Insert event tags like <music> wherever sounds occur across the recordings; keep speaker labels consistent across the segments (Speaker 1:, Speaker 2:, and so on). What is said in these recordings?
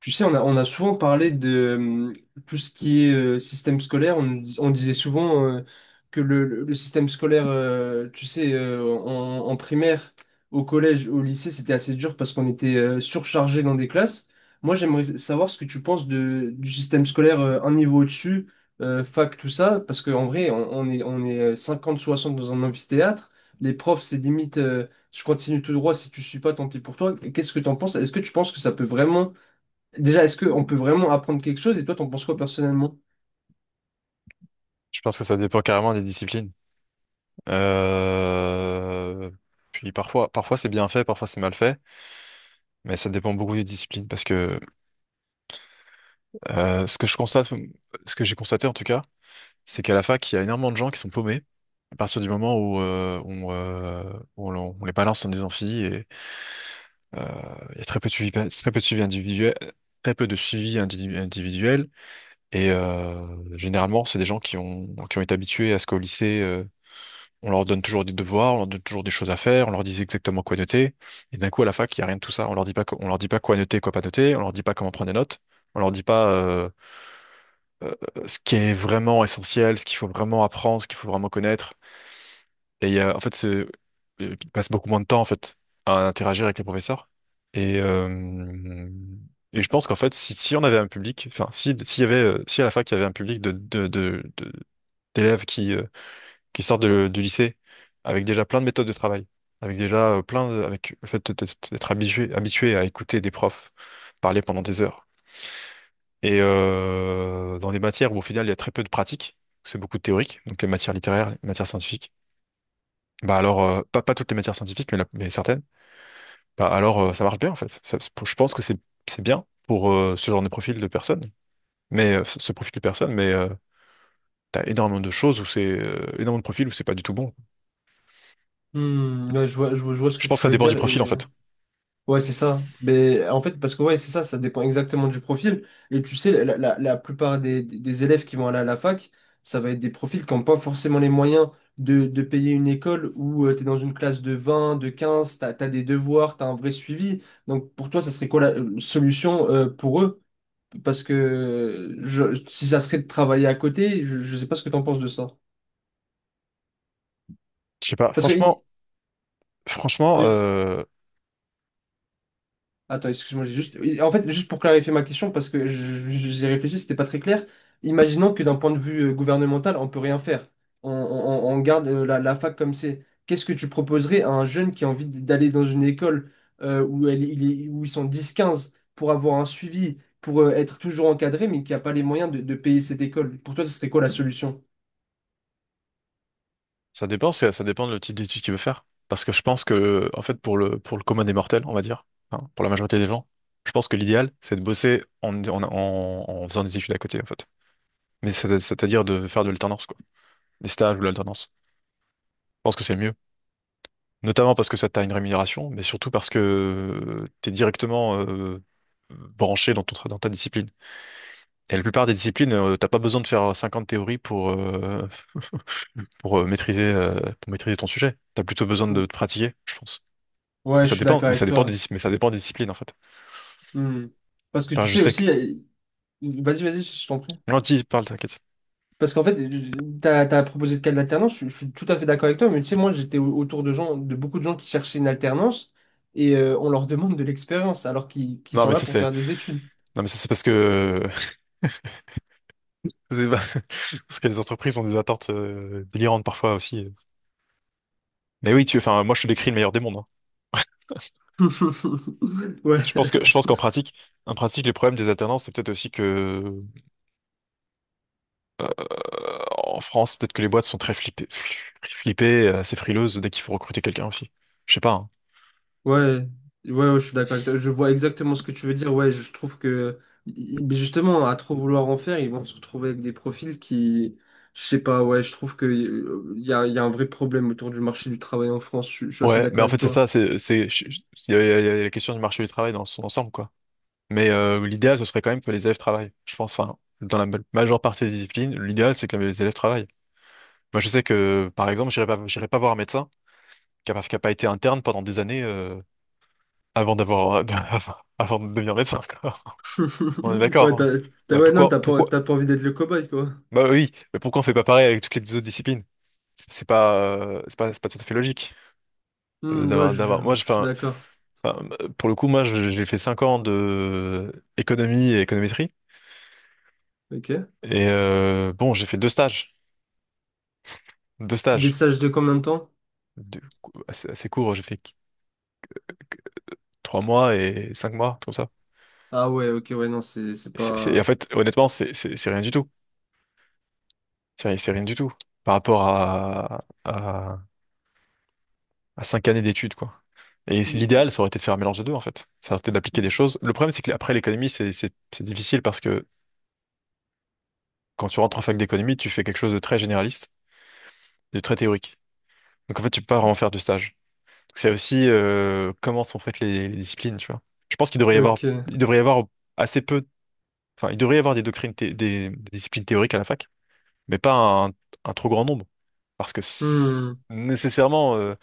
Speaker 1: Tu sais, on a souvent parlé de tout ce qui est système scolaire. On disait souvent que le système scolaire, tu sais, en primaire, au collège, au lycée, c'était assez dur parce qu'on était surchargé dans des classes. Moi, j'aimerais savoir ce que tu penses du système scolaire un niveau au-dessus, fac, tout ça, parce qu'en vrai, on est 50 60 dans un amphithéâtre. Les profs, c'est limite, je continue tout droit, si tu suis pas, tant pis pour toi. Qu'est-ce que tu en penses? Est-ce que tu penses que ça peut vraiment. Déjà, est-ce qu'on peut vraiment apprendre quelque chose et toi, t'en penses quoi personnellement?
Speaker 2: Je pense que ça dépend carrément des disciplines. Euh, Puis parfois, parfois c'est bien fait, parfois c'est mal fait, mais ça dépend beaucoup des disciplines parce que ce que je constate, ce que j'ai constaté en tout cas, c'est qu'à la fac, il y a énormément de gens qui sont paumés à partir du moment où on, où on les balance dans des amphis et il y a très peu de suivi, très peu de suivi individuel, très peu de suivi individuel et généralement c'est des gens qui ont été habitués à ce qu'au lycée on leur donne toujours des devoirs, on leur donne toujours des choses à faire, on leur dit exactement quoi noter. Et d'un coup, à la fac, il n'y a rien de tout ça. On leur dit pas, on leur dit pas quoi noter, quoi pas noter. On leur dit pas comment prendre des notes. On leur dit pas euh, ce qui est vraiment essentiel, ce qu'il faut vraiment apprendre, ce qu'il faut vraiment connaître. En fait, c'est, ils passent beaucoup moins de temps en fait à interagir avec les professeurs. Et, euh, et je pense qu'en fait, si, si on avait un public, enfin, si, s'il y avait, si à la fac il y avait un public d'élèves qui sortent du lycée avec déjà plein de méthodes de travail, avec déjà plein de, avec le fait d'être habitué à écouter des profs parler pendant des heures. Et dans des matières où au final il y a très peu de pratique, c'est beaucoup de théorique, donc les matières littéraires, les matières scientifiques. Bah alors, pas toutes les matières scientifiques, mais certaines. Bah alors, ça marche bien en fait. Je pense que c'est bien pour ce genre de profil de personnes, mais ce profil de personnes, mais t'as énormément de choses où c'est énormément de profils où c'est pas du tout bon.
Speaker 1: Hmm, ouais, je vois, je vois, je vois ce
Speaker 2: Je
Speaker 1: que
Speaker 2: pense que
Speaker 1: tu
Speaker 2: ça
Speaker 1: veux
Speaker 2: dépend du
Speaker 1: dire
Speaker 2: profil en
Speaker 1: et.
Speaker 2: fait.
Speaker 1: Ouais, c'est ça. Mais en fait, parce que ouais, c'est ça, ça dépend exactement du profil. Et tu sais, la plupart des élèves qui vont aller à la fac, ça va être des profils qui n'ont pas forcément les moyens de payer une école où tu es dans une classe de 20, de 15, tu as, des devoirs, tu as un vrai suivi. Donc pour toi, ça serait quoi la solution pour eux? Parce que si ça serait de travailler à côté, je ne sais pas ce que tu en penses de ça.
Speaker 2: Je sais pas,
Speaker 1: Parce que
Speaker 2: franchement, franchement, euh,
Speaker 1: Attends, excuse-moi, j'ai juste. Oui, en fait, juste pour clarifier ma question, parce que j'y réfléchi, c'était pas très clair. Imaginons que d'un point de vue gouvernemental, on peut rien faire. On garde la fac comme c'est. Qu'est-ce que tu proposerais à un jeune qui a envie d'aller dans une école où, elle, il est- où ils sont 10 15 pour avoir un suivi, pour être toujours encadré, mais qui n'a pas les moyens de payer cette école? Pour toi, ce serait quoi la solution?
Speaker 2: ça dépend, ça dépend de le type d'étude qu'il veut faire. Parce que je pense que, en fait, pour le commun des mortels, on va dire, hein, pour la majorité des gens, je pense que l'idéal, c'est de bosser en faisant des études à côté, en fait. Mais c'est-à-dire de faire de l'alternance, quoi. Des stages ou de l'alternance. Je pense que c'est mieux. Notamment parce que ça t'a une rémunération, mais surtout parce que t'es directement, branché dans dans ta discipline. Et la plupart des disciplines, t'as pas besoin de faire 50 théories pour maîtriser, pour maîtriser ton sujet. T'as plutôt besoin
Speaker 1: Mm.
Speaker 2: de te pratiquer, je pense.
Speaker 1: Ouais,
Speaker 2: Mais
Speaker 1: je
Speaker 2: ça
Speaker 1: suis
Speaker 2: dépend,
Speaker 1: d'accord
Speaker 2: mais
Speaker 1: avec
Speaker 2: ça dépend
Speaker 1: toi.
Speaker 2: des disciplines, en fait.
Speaker 1: Hmm. Parce que
Speaker 2: Enfin,
Speaker 1: tu
Speaker 2: je
Speaker 1: sais
Speaker 2: sais que...
Speaker 1: aussi. Vas-y, vas-y, je t'en prie.
Speaker 2: Non, dis, parle, t'inquiète.
Speaker 1: Parce qu'en fait, t'as proposé de cas d'alternance, je suis tout à fait d'accord avec toi, mais tu sais, moi, j'étais autour de beaucoup de gens qui cherchaient une alternance et on leur demande de l'expérience alors qu'ils
Speaker 2: Non,
Speaker 1: sont
Speaker 2: mais
Speaker 1: là
Speaker 2: ça,
Speaker 1: pour
Speaker 2: c'est,
Speaker 1: faire des études.
Speaker 2: non, mais ça, c'est parce que, <laughs> c'est pas- <laughs> parce que les entreprises ont des attentes, délirantes parfois aussi. Mais oui, tu, enfin, moi, je te décris le meilleur des mondes, hein.
Speaker 1: <laughs> Ouais,
Speaker 2: Je pense que, je pense qu'en pratique, en pratique, les problèmes des alternances, c'est peut-être aussi que en France, peut-être que les boîtes sont très flippées, assez frileuses dès qu'il faut recruter quelqu'un aussi. Je sais pas, hein.
Speaker 1: ouais, ouais, ouais, je suis d'accord avec toi. Je vois exactement ce que tu veux dire. Ouais, je trouve que i- justement, à trop vouloir en faire, ils vont se retrouver avec des profils qui, je sais pas, ouais, je trouve que il y a un vrai problème autour du marché du travail en France. Je suis assez
Speaker 2: Ouais, mais
Speaker 1: d'accord
Speaker 2: en
Speaker 1: avec
Speaker 2: fait, c'est
Speaker 1: toi.
Speaker 2: ça, il y a la question du marché du travail dans son ensemble, quoi. Mais l'idéal, ce serait quand même que les élèves travaillent. Je pense, enfin, dans la majeure partie des disciplines, l'idéal, c'est que les élèves travaillent. Moi, je sais que, par exemple, j'irai pas voir un médecin qui a pas été interne pendant des années avant d'avoir, <laughs> avant de devenir médecin, quoi. On est
Speaker 1: <laughs>
Speaker 2: d'accord,
Speaker 1: Ouais,
Speaker 2: hein. Bah
Speaker 1: ouais, non,
Speaker 2: pourquoi,
Speaker 1: t'as pas,
Speaker 2: pourquoi,
Speaker 1: t'as pas envie d'être le cobaye, quoi.
Speaker 2: bah oui, mais pourquoi on fait pas pareil avec toutes les autres disciplines? C'est pas tout à fait logique
Speaker 1: Hmm, ouais,
Speaker 2: d'avoir, d'avoir.
Speaker 1: je,
Speaker 2: Moi, je,
Speaker 1: je suis
Speaker 2: enfin,
Speaker 1: d'accord.
Speaker 2: enfin, pour le coup, moi, j'ai fait 5 ans de économie et économétrie.
Speaker 1: Ok.
Speaker 2: Et bon, j'ai fait deux stages, deux
Speaker 1: Des
Speaker 2: stages
Speaker 1: stages de combien de temps?
Speaker 2: de- assez courts. J'ai fait qu- trois mois et cinq mois, comme ça.
Speaker 1: Ah ouais, ok, ouais, non, c'est
Speaker 2: Et en
Speaker 1: pas.
Speaker 2: fait, honnêtement, c'est c'est rien du tout. C'est rien du tout par rapport à, à cinq années d'études, quoi. L'idéal, ça aurait été de faire un mélange des deux, en fait. Ça aurait été d'appliquer des choses. Le problème, c'est que après l'économie, c'est difficile parce que quand tu rentres en fac d'économie, tu fais quelque chose de très généraliste, de très théorique. Donc en fait, tu peux pas vraiment faire de stage. Donc, c'est aussi comment sont faites les disciplines, tu vois. Je pense qu'il devrait y avoir,
Speaker 1: Ok.
Speaker 2: il devrait y avoir assez peu, enfin, il devrait y avoir des disciplines théoriques à la fac, mais pas un trop grand nombre. Parce que c'est-
Speaker 1: Hmm.
Speaker 2: nécessairement, euh,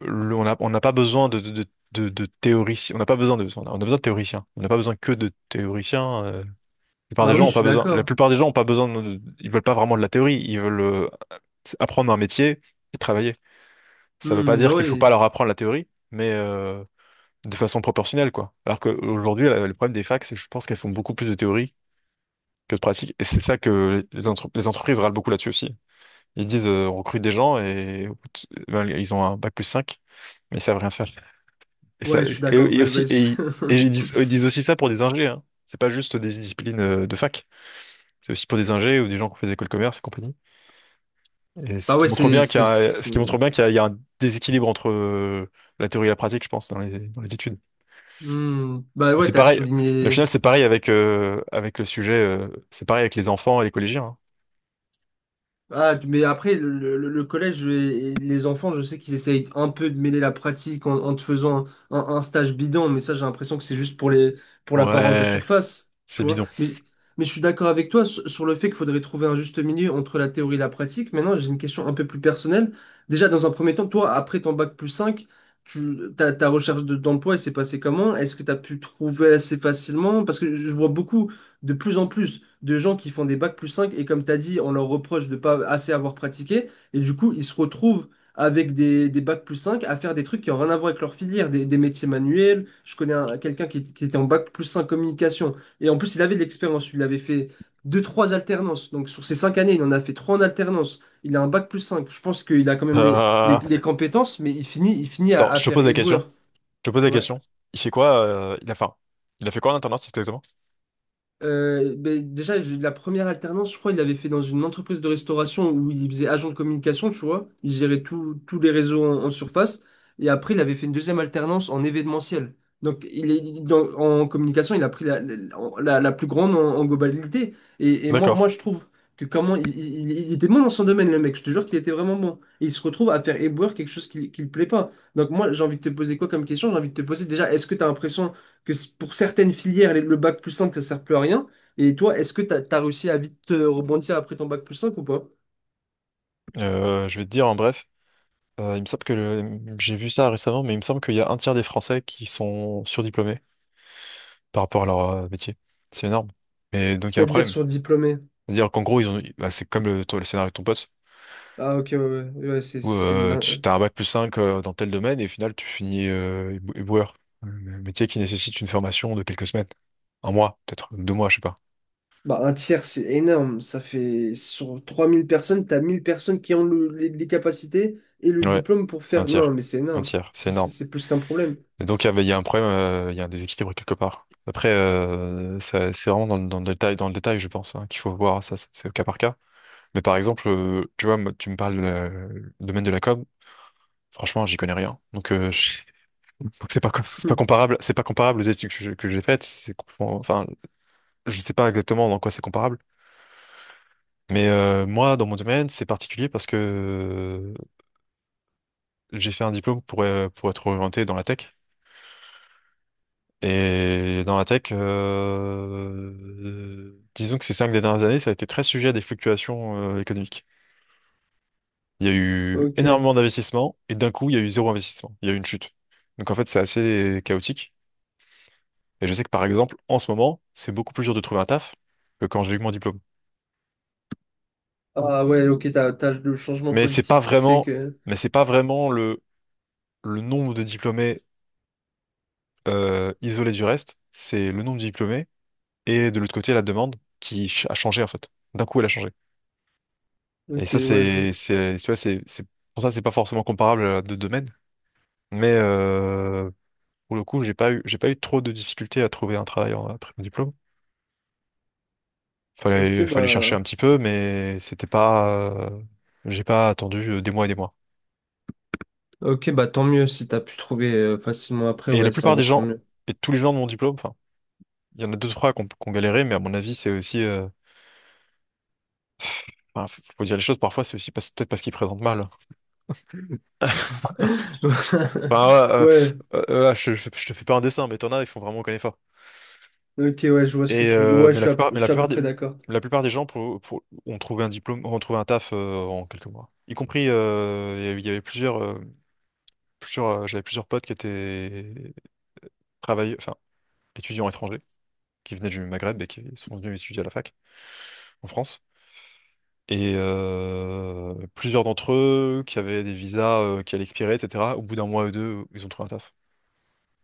Speaker 2: le- on a- on n'a pas besoin de théoriciens. On n'a pas besoin de, on a besoin de théoriciens. On n'a pas besoin que de théoriciens. La plupart des
Speaker 1: Bah
Speaker 2: gens
Speaker 1: oui,
Speaker 2: ont
Speaker 1: je
Speaker 2: pas
Speaker 1: suis
Speaker 2: besoin. La
Speaker 1: d'accord.
Speaker 2: plupart des gens ont pas besoin. Ils veulent pas vraiment de la théorie. Ils veulent apprendre un métier et travailler. Ça veut pas
Speaker 1: Hmm, bah
Speaker 2: dire qu'il faut pas
Speaker 1: oui.
Speaker 2: leur apprendre la théorie, mais de façon proportionnelle, quoi. Alors qu'aujourd'hui, le problème des facs, c'est que je pense qu'elles font beaucoup plus de théorie que de pratique. Et c'est ça que les entreprises râlent beaucoup là-dessus aussi. Ils disent, on recrute des gens et ben, ils ont un bac plus 5 mais ils savent rien faire. Et, ça,
Speaker 1: Ouais, je suis d'accord.
Speaker 2: et, et
Speaker 1: Bah, ouais,
Speaker 2: aussi, et, et ils disent, ils disent aussi ça pour des ingés, hein. C'est pas juste des disciplines de fac. C'est aussi pour des ingés ou des gens qui ont fait des écoles de commerce et compagnie. Et
Speaker 1: <laughs> bah ouais,
Speaker 2: ce qui montre
Speaker 1: c'est.
Speaker 2: bien qu'il y a, il y a un déséquilibre entre la théorie et la pratique, je pense, dans les études.
Speaker 1: Hmm. Bah
Speaker 2: Mais
Speaker 1: ouais,
Speaker 2: c'est
Speaker 1: t'as
Speaker 2: pareil. Mais au final,
Speaker 1: souligné.
Speaker 2: c'est pareil avec le sujet. C'est pareil avec les enfants et les collégiens, hein.
Speaker 1: Ah, mais après, le collège et les enfants, je sais qu'ils essayent un peu de mêler la pratique en te faisant un stage bidon, mais ça, j'ai l'impression que c'est juste pour l'apparence de
Speaker 2: Ouais,
Speaker 1: surface,
Speaker 2: c'est
Speaker 1: tu vois.
Speaker 2: bidon.
Speaker 1: Mais,
Speaker 2: <laughs>
Speaker 1: mais je suis d'accord avec toi sur le fait qu'il faudrait trouver un juste milieu entre la théorie et la pratique. Maintenant, j'ai une question un peu plus personnelle. Déjà, dans un premier temps, toi, après ton bac plus 5, ta recherche d'emploi, elle s'est passée comment? Est-ce que tu as pu trouver assez facilement? Parce que je vois beaucoup, de plus en plus, de gens qui font des bacs plus 5 et comme tu as dit, on leur reproche de pas assez avoir pratiqué et du coup, ils se retrouvent avec des bacs plus 5 à faire des trucs qui n'ont rien à voir avec leur filière, des métiers manuels. Je connais quelqu'un qui était en bac plus 5 communication et en plus, il avait de l'expérience, il avait fait deux, trois alternances. Donc sur ces 5 années, il en a fait trois en alternance. Il a un bac plus 5. Je pense qu'il a quand même les, les,
Speaker 2: Euh,
Speaker 1: les compétences, mais il finit à,
Speaker 2: Attends,
Speaker 1: à
Speaker 2: je te
Speaker 1: faire
Speaker 2: pose la question.
Speaker 1: éboueur.
Speaker 2: Je te pose la
Speaker 1: Ouais.
Speaker 2: question. Il fait quoi, il a fait quoi en alternance exactement?
Speaker 1: Ben, déjà, j'ai eu de la première alternance, je crois, il l'avait fait dans une entreprise de restauration où il faisait agent de communication, tu vois. Il gérait tous les réseaux en surface. Et après, il avait fait une deuxième alternance en événementiel. Donc, il est, il- dans- en communication, il a pris la plus grande en globalité. Et moi,
Speaker 2: D'accord.
Speaker 1: moi, je trouve que comment. Il était bon dans son domaine, le mec. Je te jure qu'il était vraiment bon. Et il se retrouve à faire éboueur quelque chose qui ne lui plaît pas. Donc, moi, j'ai envie de te poser quoi comme question? J'ai envie de te poser déjà, est-ce que tu as l'impression pour certaines filières, le bac plus 5 ça sert plus à rien. Et toi, est-ce que t'as réussi à vite rebondir après ton bac plus cinq ou pas?
Speaker 2: Je vais te dire en bref. Il me semble que j'ai vu ça récemment, mais il me semble qu'il y a un tiers des Français qui sont surdiplômés par rapport à leur métier. C'est énorme. Et donc il y a un
Speaker 1: C'est-à-dire
Speaker 2: problème.
Speaker 1: sur diplômé.
Speaker 2: C'est-à-dire qu'en gros, ils ont... bah, c'est comme le, toi, le scénario de ton pote,
Speaker 1: Ah, ok, ouais, ouais, ouais, c'est
Speaker 2: où
Speaker 1: c'est une
Speaker 2: tu
Speaker 1: dingue.
Speaker 2: as un bac plus 5 dans tel domaine et au final tu finis éboueur. Un métier qui nécessite une formation de quelques semaines. Un mois, peut-être deux mois, je sais pas.
Speaker 1: Bah, un tiers, c'est énorme. Ça fait sur 3 000 personnes, t'as 1 000 personnes qui ont les capacités et le
Speaker 2: Ouais,
Speaker 1: diplôme pour
Speaker 2: un
Speaker 1: faire. Non,
Speaker 2: tiers.
Speaker 1: mais c'est
Speaker 2: Un
Speaker 1: énorme.
Speaker 2: tiers, c'est
Speaker 1: C'est c'est-
Speaker 2: énorme.
Speaker 1: c'est plus qu'un problème.
Speaker 2: Et donc, il y a un problème, il y a un déséquilibre quelque part. Après, c'est vraiment dans le détail, je pense, hein, qu'il faut voir ça, c'est au cas par cas. Mais par exemple, tu vois, moi, tu me parles du domaine de la com, franchement, j'y connais rien. Donc, <laughs> donc c'est pas,
Speaker 1: Hmm,
Speaker 2: c'est pas comparable aux études que j'ai faites. C'est complètement- enfin, je sais pas exactement dans quoi c'est comparable. Mais moi, dans mon domaine, c'est particulier parce que j'ai fait un diplôme pour être orienté dans la tech. Et dans la tech, disons que ces cinq dernières années, ça a été très sujet à des fluctuations économiques. Il y a eu
Speaker 1: ok.
Speaker 2: énormément d'investissements et d'un coup, il y a eu zéro investissement. Il y a eu une chute. Donc en fait, c'est assez chaotique. Et je sais que par exemple, en ce moment, c'est beaucoup plus dur de trouver un taf que quand j'ai eu mon diplôme.
Speaker 1: Ah ouais, ok, t'as le changement
Speaker 2: Mais c'est pas
Speaker 1: politique qui fait
Speaker 2: vraiment,
Speaker 1: que.
Speaker 2: mais c'est pas vraiment le nombre de diplômés isolé du reste, c'est le nombre de diplômés et de l'autre côté, la demande a changé en fait. D'un coup, elle a changé. Et
Speaker 1: Ok,
Speaker 2: ça,
Speaker 1: ouais, je.
Speaker 2: c'est, c'est, tu vois, c'est pas forcément comparable à deux domaines. Mais pour le coup, j'ai pas eu trop de difficultés à trouver un travail après mon diplôme.
Speaker 1: Ok,
Speaker 2: Fallait chercher
Speaker 1: bah.
Speaker 2: un petit peu, mais c'était pas, j'ai pas attendu des mois.
Speaker 1: Ok, bah tant mieux si t'as pu trouver facilement après,
Speaker 2: Et la
Speaker 1: ouais, c'est en
Speaker 2: plupart des
Speaker 1: vrai tant
Speaker 2: gens,
Speaker 1: mieux.
Speaker 2: et tous les gens de mon diplôme, enfin, il y en a deux, trois qui ont, galéré, mais à mon avis, c'est aussi, enfin, faut dire les choses, parfois, c'est aussi peut-être parce qu'ils présentent mal.
Speaker 1: <laughs>
Speaker 2: Enfin, voilà,
Speaker 1: Ouais,
Speaker 2: je, je te fais pas un dessin, mais t'en as, ils font vraiment aucun effort.
Speaker 1: ok, ouais, je vois ce que
Speaker 2: Et
Speaker 1: tu veux. Ouais, je suis à peu près d'accord.
Speaker 2: la plupart des gens ont trouvé un diplôme, ont trouvé un taf en quelques mois. Y compris, il y avait plusieurs, plusieurs, j'avais plusieurs potes qui étaient travailleurs, enfin étudiants étrangers, qui venaient du Maghreb et qui sont venus étudier à la fac en France. Et plusieurs d'entre eux qui avaient des visas qui allaient expirer, etc. Au bout d'un mois ou deux, ils ont trouvé un taf.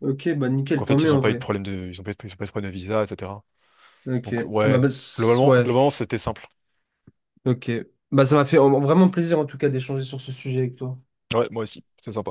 Speaker 1: Ok, bah
Speaker 2: Donc
Speaker 1: nickel,
Speaker 2: en
Speaker 1: tant
Speaker 2: fait, ils
Speaker 1: mieux
Speaker 2: n'ont
Speaker 1: en
Speaker 2: pas eu de
Speaker 1: vrai.
Speaker 2: problème de, ils ont pas eu de problème de visa, etc.
Speaker 1: Ok,
Speaker 2: Donc ouais,
Speaker 1: ouais,
Speaker 2: globalement, c'était simple.
Speaker 1: ok. Bah ça m'a fait vraiment plaisir en tout cas d'échanger sur ce sujet avec toi.
Speaker 2: Ouais, moi aussi, c'est sympa.